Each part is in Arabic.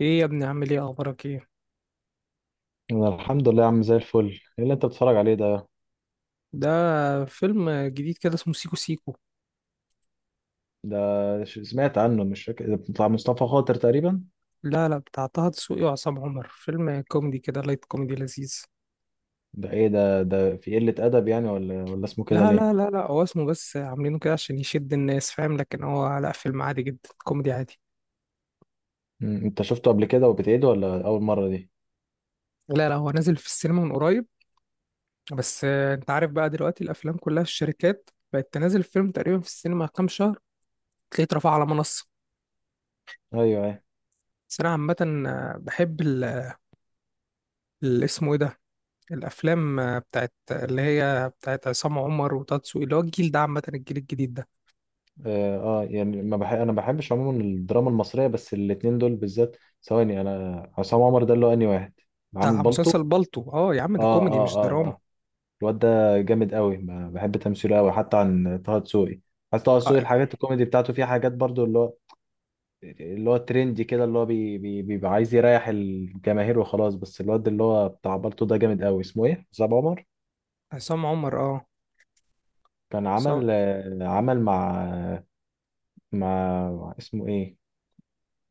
ايه يا ابني، عامل ايه، اخبارك ايه؟ أنا الحمد لله يا عم زي الفل. ايه اللي انت بتتفرج عليه ده؟ ده فيلم جديد كده اسمه سيكو سيكو. ده سمعت عنه، مش فاكر، ده بتاع مصطفى خاطر تقريبا. لا لا، بتاع طه دسوقي وعصام عمر، فيلم كوميدي كده، لايت كوميدي لذيذ. ده ايه ده في قلة ادب يعني، ولا اسمه كده لا ليه؟ لا لا لا، هو اسمه بس، عاملينه كده عشان يشد الناس، فاهم؟ لكن هو لا، فيلم عادي جدا، كوميدي عادي. انت شفته قبل كده وبتعيده ولا اول مرة دي؟ لا لا، هو نازل في السينما من قريب. بس انت عارف بقى دلوقتي الافلام كلها في الشركات بقت تنزل، الفيلم تقريبا في السينما كام شهر، تلاقيه اترفع على منصة. ايوه، ايوه. بس انا عامة بحب اسمه ايه ده، الافلام بتاعت اللي هي بتاعت عصام عمر وتاتسو، اللي هو الجيل ده، عامه الجيل الجديد ده. يعني ما بح... انا بحبش عموما الدراما المصرية، بس الاتنين دول بالذات. ثواني، انا عصام عمر ده اللي هو انهي واحد؟ عامل بتاع بالطو؟ مسلسل بالطو، اه يا عم، ده اه، كوميدي اه، مش اه، دراما. اه. الواد ده جامد قوي، بحب تمثيله قوي حتى عن طه دسوقي. حتى طه دسوقي آه، الحاجات الكوميدي بتاعته فيها حاجات برضو، اللي هو ترندي كده، اللي هو بي بي بيبقى عايز يريح الجماهير وخلاص. بس الواد اللي هو بتاع بالطو ده جامد قوي، اسمه ايه، حسام عمر. عصام عمر، اه. كان عصام. عمل، عمل مع اسمه ايه،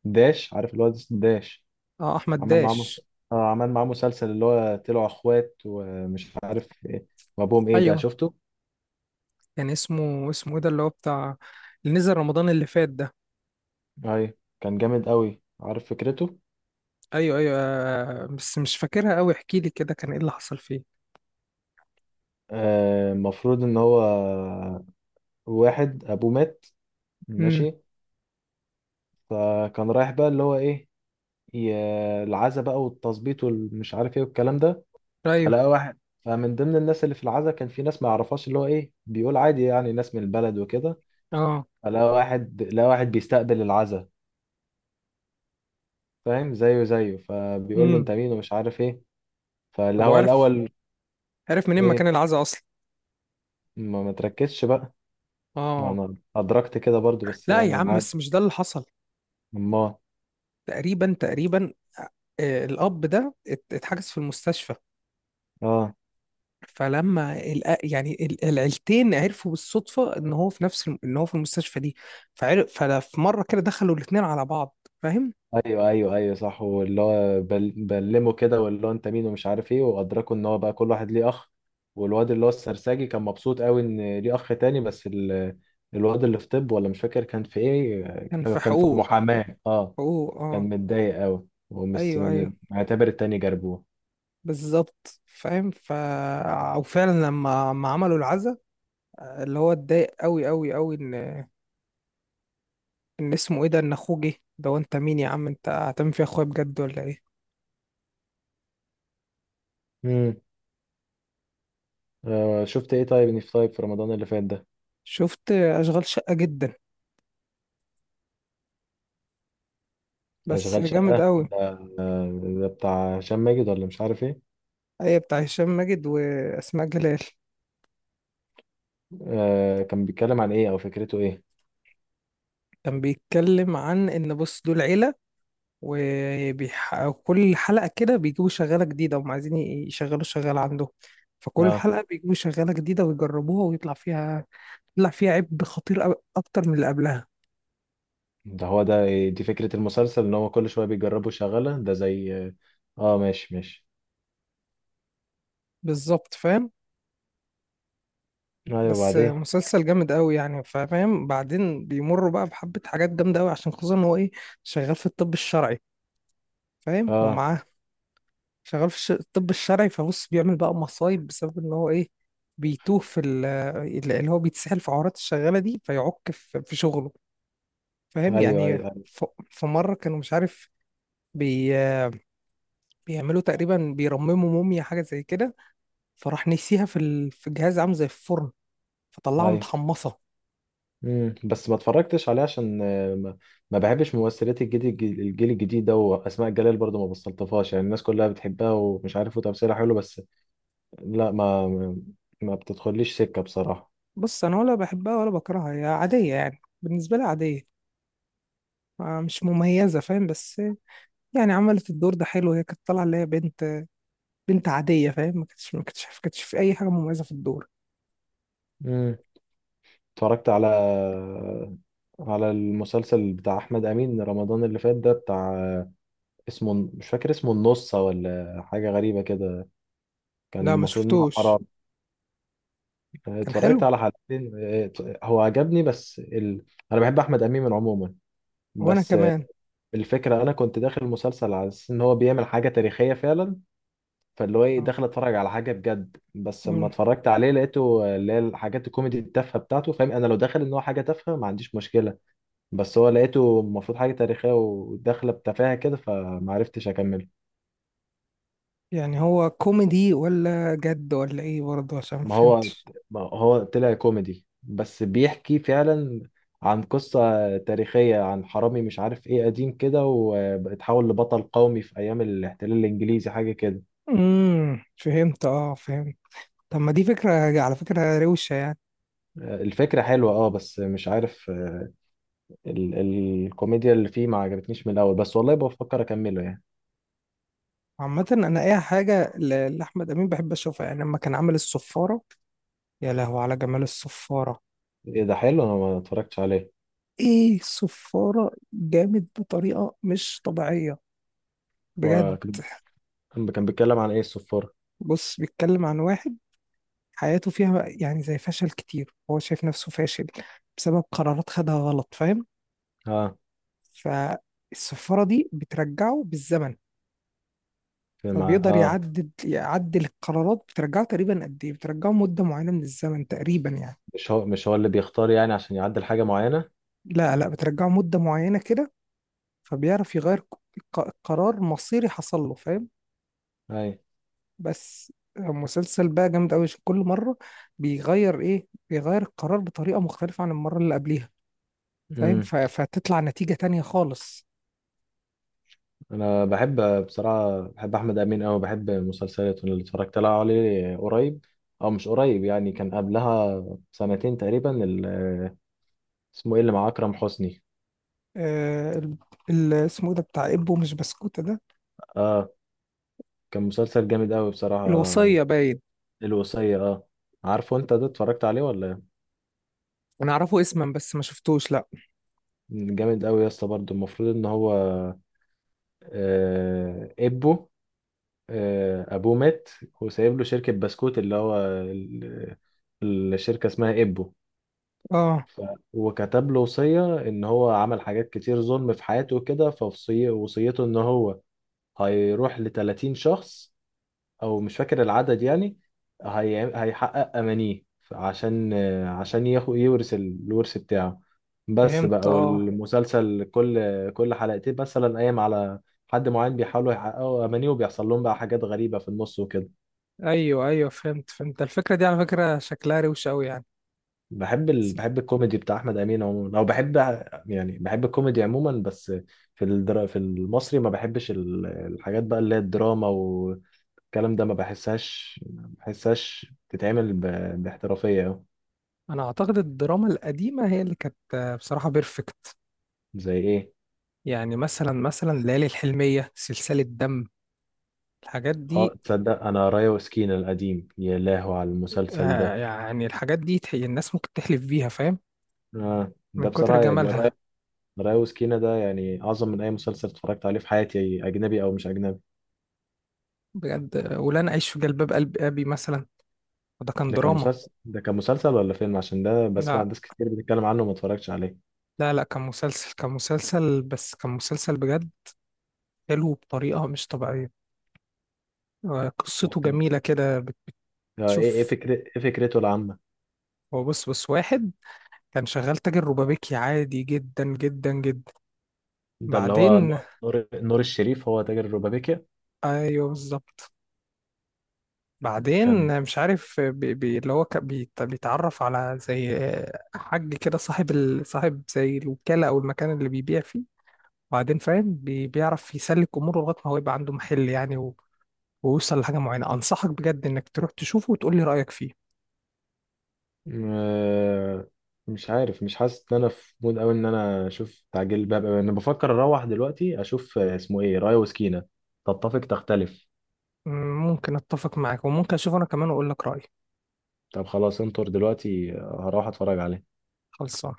داش، عارف الواد اسمه داش. اه، احمد عمل معاه مس... داش. عمل معاه مسلسل اللي هو طلعوا اخوات ومش عارف ايه، وابوهم، ايه ده ايوه، شفته؟ كان اسمه ايه ده، اللي هو بتاع اللي نزل رمضان اللي فات ده. ايوه، كان جامد قوي، عارف فكرته؟ ايوه ايوه، بس مش فاكرها قوي، احكي لي كده، كان ايه اللي حصل فيه. المفروض ان هو واحد ابوه مات، امم. ماشي، فكان رايح بقى اللي هو ايه، العزا بقى، والتظبيط والمش عارف ايه والكلام ده. ايوه. فلقى واحد، فمن ضمن الناس اللي في العزا كان في ناس ما يعرفهاش، اللي هو ايه، بيقول عادي يعني، ناس من البلد وكده. اه. فلقى واحد لقى واحد بيستقبل العزا، فاهم، زيه زيه، فبيقول له امم. انت مين ومش عارف ايه، فاللي طب هو وعرف، الاول، عرف منين ايه، مكان العزا اصلا؟ ما تركزش بقى، ما اه. انا ادركت كده برضو، بس لا يا يعني عم، بس عادي. مش ده اللي حصل. امال. تقريبا. الأب ده اتحجز في المستشفى. اه، فلما العيلتين عرفوا بالصدفة إن هو في نفس إن هو في المستشفى دي. فعرف، ففي مرة كده دخلوا الاتنين على بعض، فاهم. ايوه، ايوه، ايوه، صح، واللي هو بلمه كده، واللي هو انت مين ومش عارف ايه، وادركوا ان هو بقى كل واحد ليه اخ. والواد اللي هو السرساجي كان مبسوط قوي ان ليه اخ تاني، بس ال... الواد اللي في طب، ولا مش فاكر كان في ايه، كان في كان في حقوق. محاماة، اه. حقوق، اه. كان متضايق قوي أيوه أيوه، معتبر التاني جربوه. بالظبط، فاهم، ف. او فعلا لما ما عملوا العزا، اللي هو اتضايق قوي قوي قوي ان اسمه ايه ده، ان اخوه جه ده، وانت مين يا عم، انت هتعمل في اخويا بجد ولا ايه؟ امم. شفت ايه طيب، اني في طيب في رمضان اللي فات ده، شفت اشغال شقة، جدا بس اشغال جامد شقة قوي. ده، آه، ده بتاع هشام ماجد ولا مش عارف ايه، ايوه، بتاع هشام ماجد واسماء جلال. كان بيتكلم عن ايه او فكرته ايه؟ كان بيتكلم عن ان، بص، دول عيله، وكل حلقه كده بيجيبوا شغاله جديده، وهم عايزين يشغلوا شغاله عندهم. فكل آه. حلقه بيجيبوا شغاله جديده ويجربوها ويطلع فيها، يطلع فيها عيب خطير أوي، اكتر من اللي قبلها. ده هو ده دي فكرة المسلسل، ان هو كل شوية بيجربوا شغالة، ده زي اه، ماشي ماشي. بالظبط، فاهم. ايوه، بس بعدين. مسلسل جامد قوي يعني، فاهم. بعدين بيمروا بقى بحبه حاجات جامده قوي، عشان خصوصا ان هو ايه، شغال في الطب الشرعي، فاهم. اه، ومعاه، شغال في الطب الشرعي، فبص بيعمل بقى مصايب بسبب ان هو ايه، بيتوه في اللي هو بيتسحل في عورات الشغالة دي، فيعك في شغله، فاهم ايوه، يعني، ايوه، ف. في مرة كانوا مش عارف، بي بيعملوا تقريبا، بيرمموا موميا حاجة زي كده، فراح نسيها في ال... في جهاز عامل زي الفرن، فطلعها ايوه. متحمصة. بس ما اتفرجتش عليه عشان، ما بحبش ممثلات الجيل الجيل الجديد ده، واسماء جلال برضو ما بستلطفهاش يعني، الناس كلها بتحبها ومش عارف وتمثيلها حلو بس. لا، ما بتدخليش سكة بصراحة. بص، أنا ولا بحبها ولا بكرهها، هي عادية يعني، بالنسبة لي عادية. مش مميزة، فاهم. بس يعني عملت الدور ده حلو، هي كانت طالعة اللي هي بنت، عادية، فاهم. ما كانتش ما كانتش ما كانتش في أي حاجة مميزة في الدور. امم اتفرجت على المسلسل بتاع احمد امين رمضان اللي فات ده، بتاع اسمه مش فاكر اسمه، النص ولا حاجة غريبة كده، كان لا ما المفروض إنه شفتوش. حرام. كان اتفرجت حلو. على حلقتين، هو عجبني بس أنا بحب أحمد أمين عموما، وأنا بس اه، كمان. الفكرة أنا كنت داخل المسلسل على أساس إن هو بيعمل حاجة تاريخية فعلا، فاللي هو إيه، اه. داخل أتفرج على حاجة بجد، بس لما مم. اتفرجت عليه لقيته اللي هي الحاجات الكوميدي التافهة بتاعته، فاهم، أنا لو داخل إن هو حاجة تافهة ما عنديش مشكلة، بس هو لقيته المفروض حاجة تاريخية وداخلة بتفاهة كده فمعرفتش أكمل. يعني هو كوميدي ولا جد ولا إيه برضه؟ عشان ما ما هو فهمتش. ما هو طلع كوميدي بس بيحكي فعلا عن قصة تاريخية، عن حرامي مش عارف ايه قديم كده، واتحول لبطل قومي في ايام الاحتلال الانجليزي، حاجة كده. امم، فهمت. اه، فهمت. طب ما دي فكرة، على فكرة روشة يعني. الفكرة حلوة اه، بس مش عارف ال الكوميديا اللي فيه ما عجبتنيش من الاول، بس والله بفكر اكمله يعني. عامة أنا أي حاجة لأحمد أمين بحب أشوفها. يعني لما كان عامل الصفارة، يا لهو على جمال الصفارة! ايه ده، حلو، انا ما اتفرجتش عليه. إيه، الصفارة جامد بطريقة مش طبيعية، بجد. كان بيتكلم عن ايه الصفارة؟ بص، بيتكلم عن واحد حياته فيها يعني زي فشل كتير، هو شايف نفسه فاشل بسبب قرارات خدها غلط، فاهم. اه فالسفارة دي بترجعه بالزمن، في مع فبيقدر يعدل، يعدل القرارات. بترجعه تقريبا قد ايه، بترجعه مدة معينة من الزمن تقريبا يعني. مش هو، مش هو اللي بيختار يعني عشان يعدل حاجة معينة؟ لا لا، بترجعه مدة معينة كده، فبيعرف يغير قرار مصيري حصل له، فاهم. بس مسلسل بقى جامد قوي، كل مرة بيغير ايه، بيغير القرار بطريقة مختلفة عن المرة اللي قبلها، فاهم، اي، فتطلع نتيجة تانية خالص. انا بحب، بحب احمد امين أوي، بحب مسلسلاته اللي اتفرجت لها عليه قريب، او مش قريب يعني، كان قبلها سنتين تقريبا، اسمه ايه اللي مع اكرم حسني؟ آه، اسمه إيه ده بتاع ابو مش بسكوتة ده؟ اه، كان مسلسل جامد أوي بصراحه. الوصية، باين. الوصيه، اه. عارفه انت ده اتفرجت عليه ولا إيه؟ انا اعرفه اسما بس ما شفتوش، لا. جامد أوي يا اسطى، برضه المفروض ان هو، آه ابوه آه، ابوه مات، وسايب له شركه بسكوت اللي هو ال- الشركه اسمها ابو، اه، فهو كتب له وصية إن هو عمل حاجات كتير ظلم في حياته وكده، فوصية وصيته إن هو هيروح لتلاتين شخص، أو مش فاكر العدد يعني، هيحقق أمانيه عشان ياخد يورث الورث بتاعه. بس فهمت. بقى، اه، والمسلسل كل حلقتين مثلا قايم على حد معين، بيحاولوا يحققوا أمانيه وبيحصل لهم بقى حاجات غريبة في النص وكده. ايوه ايوه، فهمت فهمت الفكرة دي، على فكرة شكلها روش قوي يعني. بحب بس بحب الكوميدي بتاع احمد امين عموما، او بحب يعني بحب الكوميدي عموما بس. في في المصري ما بحبش الحاجات بقى اللي هي الدراما والكلام ده، ما بحسهاش تتعمل باحترافية أوي. انا اعتقد الدراما القديمة هي اللي كانت بصراحة بيرفكت. زي ايه؟ يعني مثلا ليالي الحلمية، سلسلة دم، الحاجات اه، دي. تصدق انا رايا وسكينة القديم، يا لهو على المسلسل آه، ده. يعني الحاجات دي الناس ممكن تحلف بيها، فاهم، آه. ده من كتر بصراحة يعني، جمالها. رايا وسكينة ده، يعني اعظم من اي مسلسل اتفرجت عليه في حياتي، اجنبي او مش اجنبي. بجد. ولا انا اعيش في جلباب قلب ابي مثلا، وده كان دراما. ده كان مسلسل ولا فيلم؟ عشان ده بسمع لا ناس كتير بتتكلم عنه وما اتفرجتش عليه. لا لا، كان مسلسل، كان مسلسل، بس كان مسلسل بجد حلو بطريقة مش طبيعية. قصته لكن جميلة كده، ايه، بتشوف. فكرة ايه فكرته العامة؟ هو بص، بص واحد كان شغال تاجر روبابيكي عادي جدا جدا جدا. ده اللي هو بعدين، نور نور الشريف، هو تاجر الربابيكيا. ايوه بالظبط. كان بعدين مش عارف، بي بي اللي هو كان بيتعرف على زي حاج كده، صاحب ال... صاحب زي الوكالة او المكان اللي بيبيع فيه. بعدين فاهم، بيعرف يسلك اموره لغاية ما هو يبقى عنده محل يعني، ويوصل لحاجة معينة. أنصحك بجد إنك تروح تشوفه وتقول لي رأيك فيه. آه، مش عارف، مش حاسس ان انا في مود قوي ان انا اشوف تعجيل الباب أوي. انا بفكر اروح دلوقتي اشوف، اسمه ايه، رايا وسكينة. تتفق تختلف. ممكن أتفق معاك وممكن أشوفه أنا كمان وأقول لك رأيي. طب خلاص انطر دلوقتي، هروح اتفرج عليه. خلصان.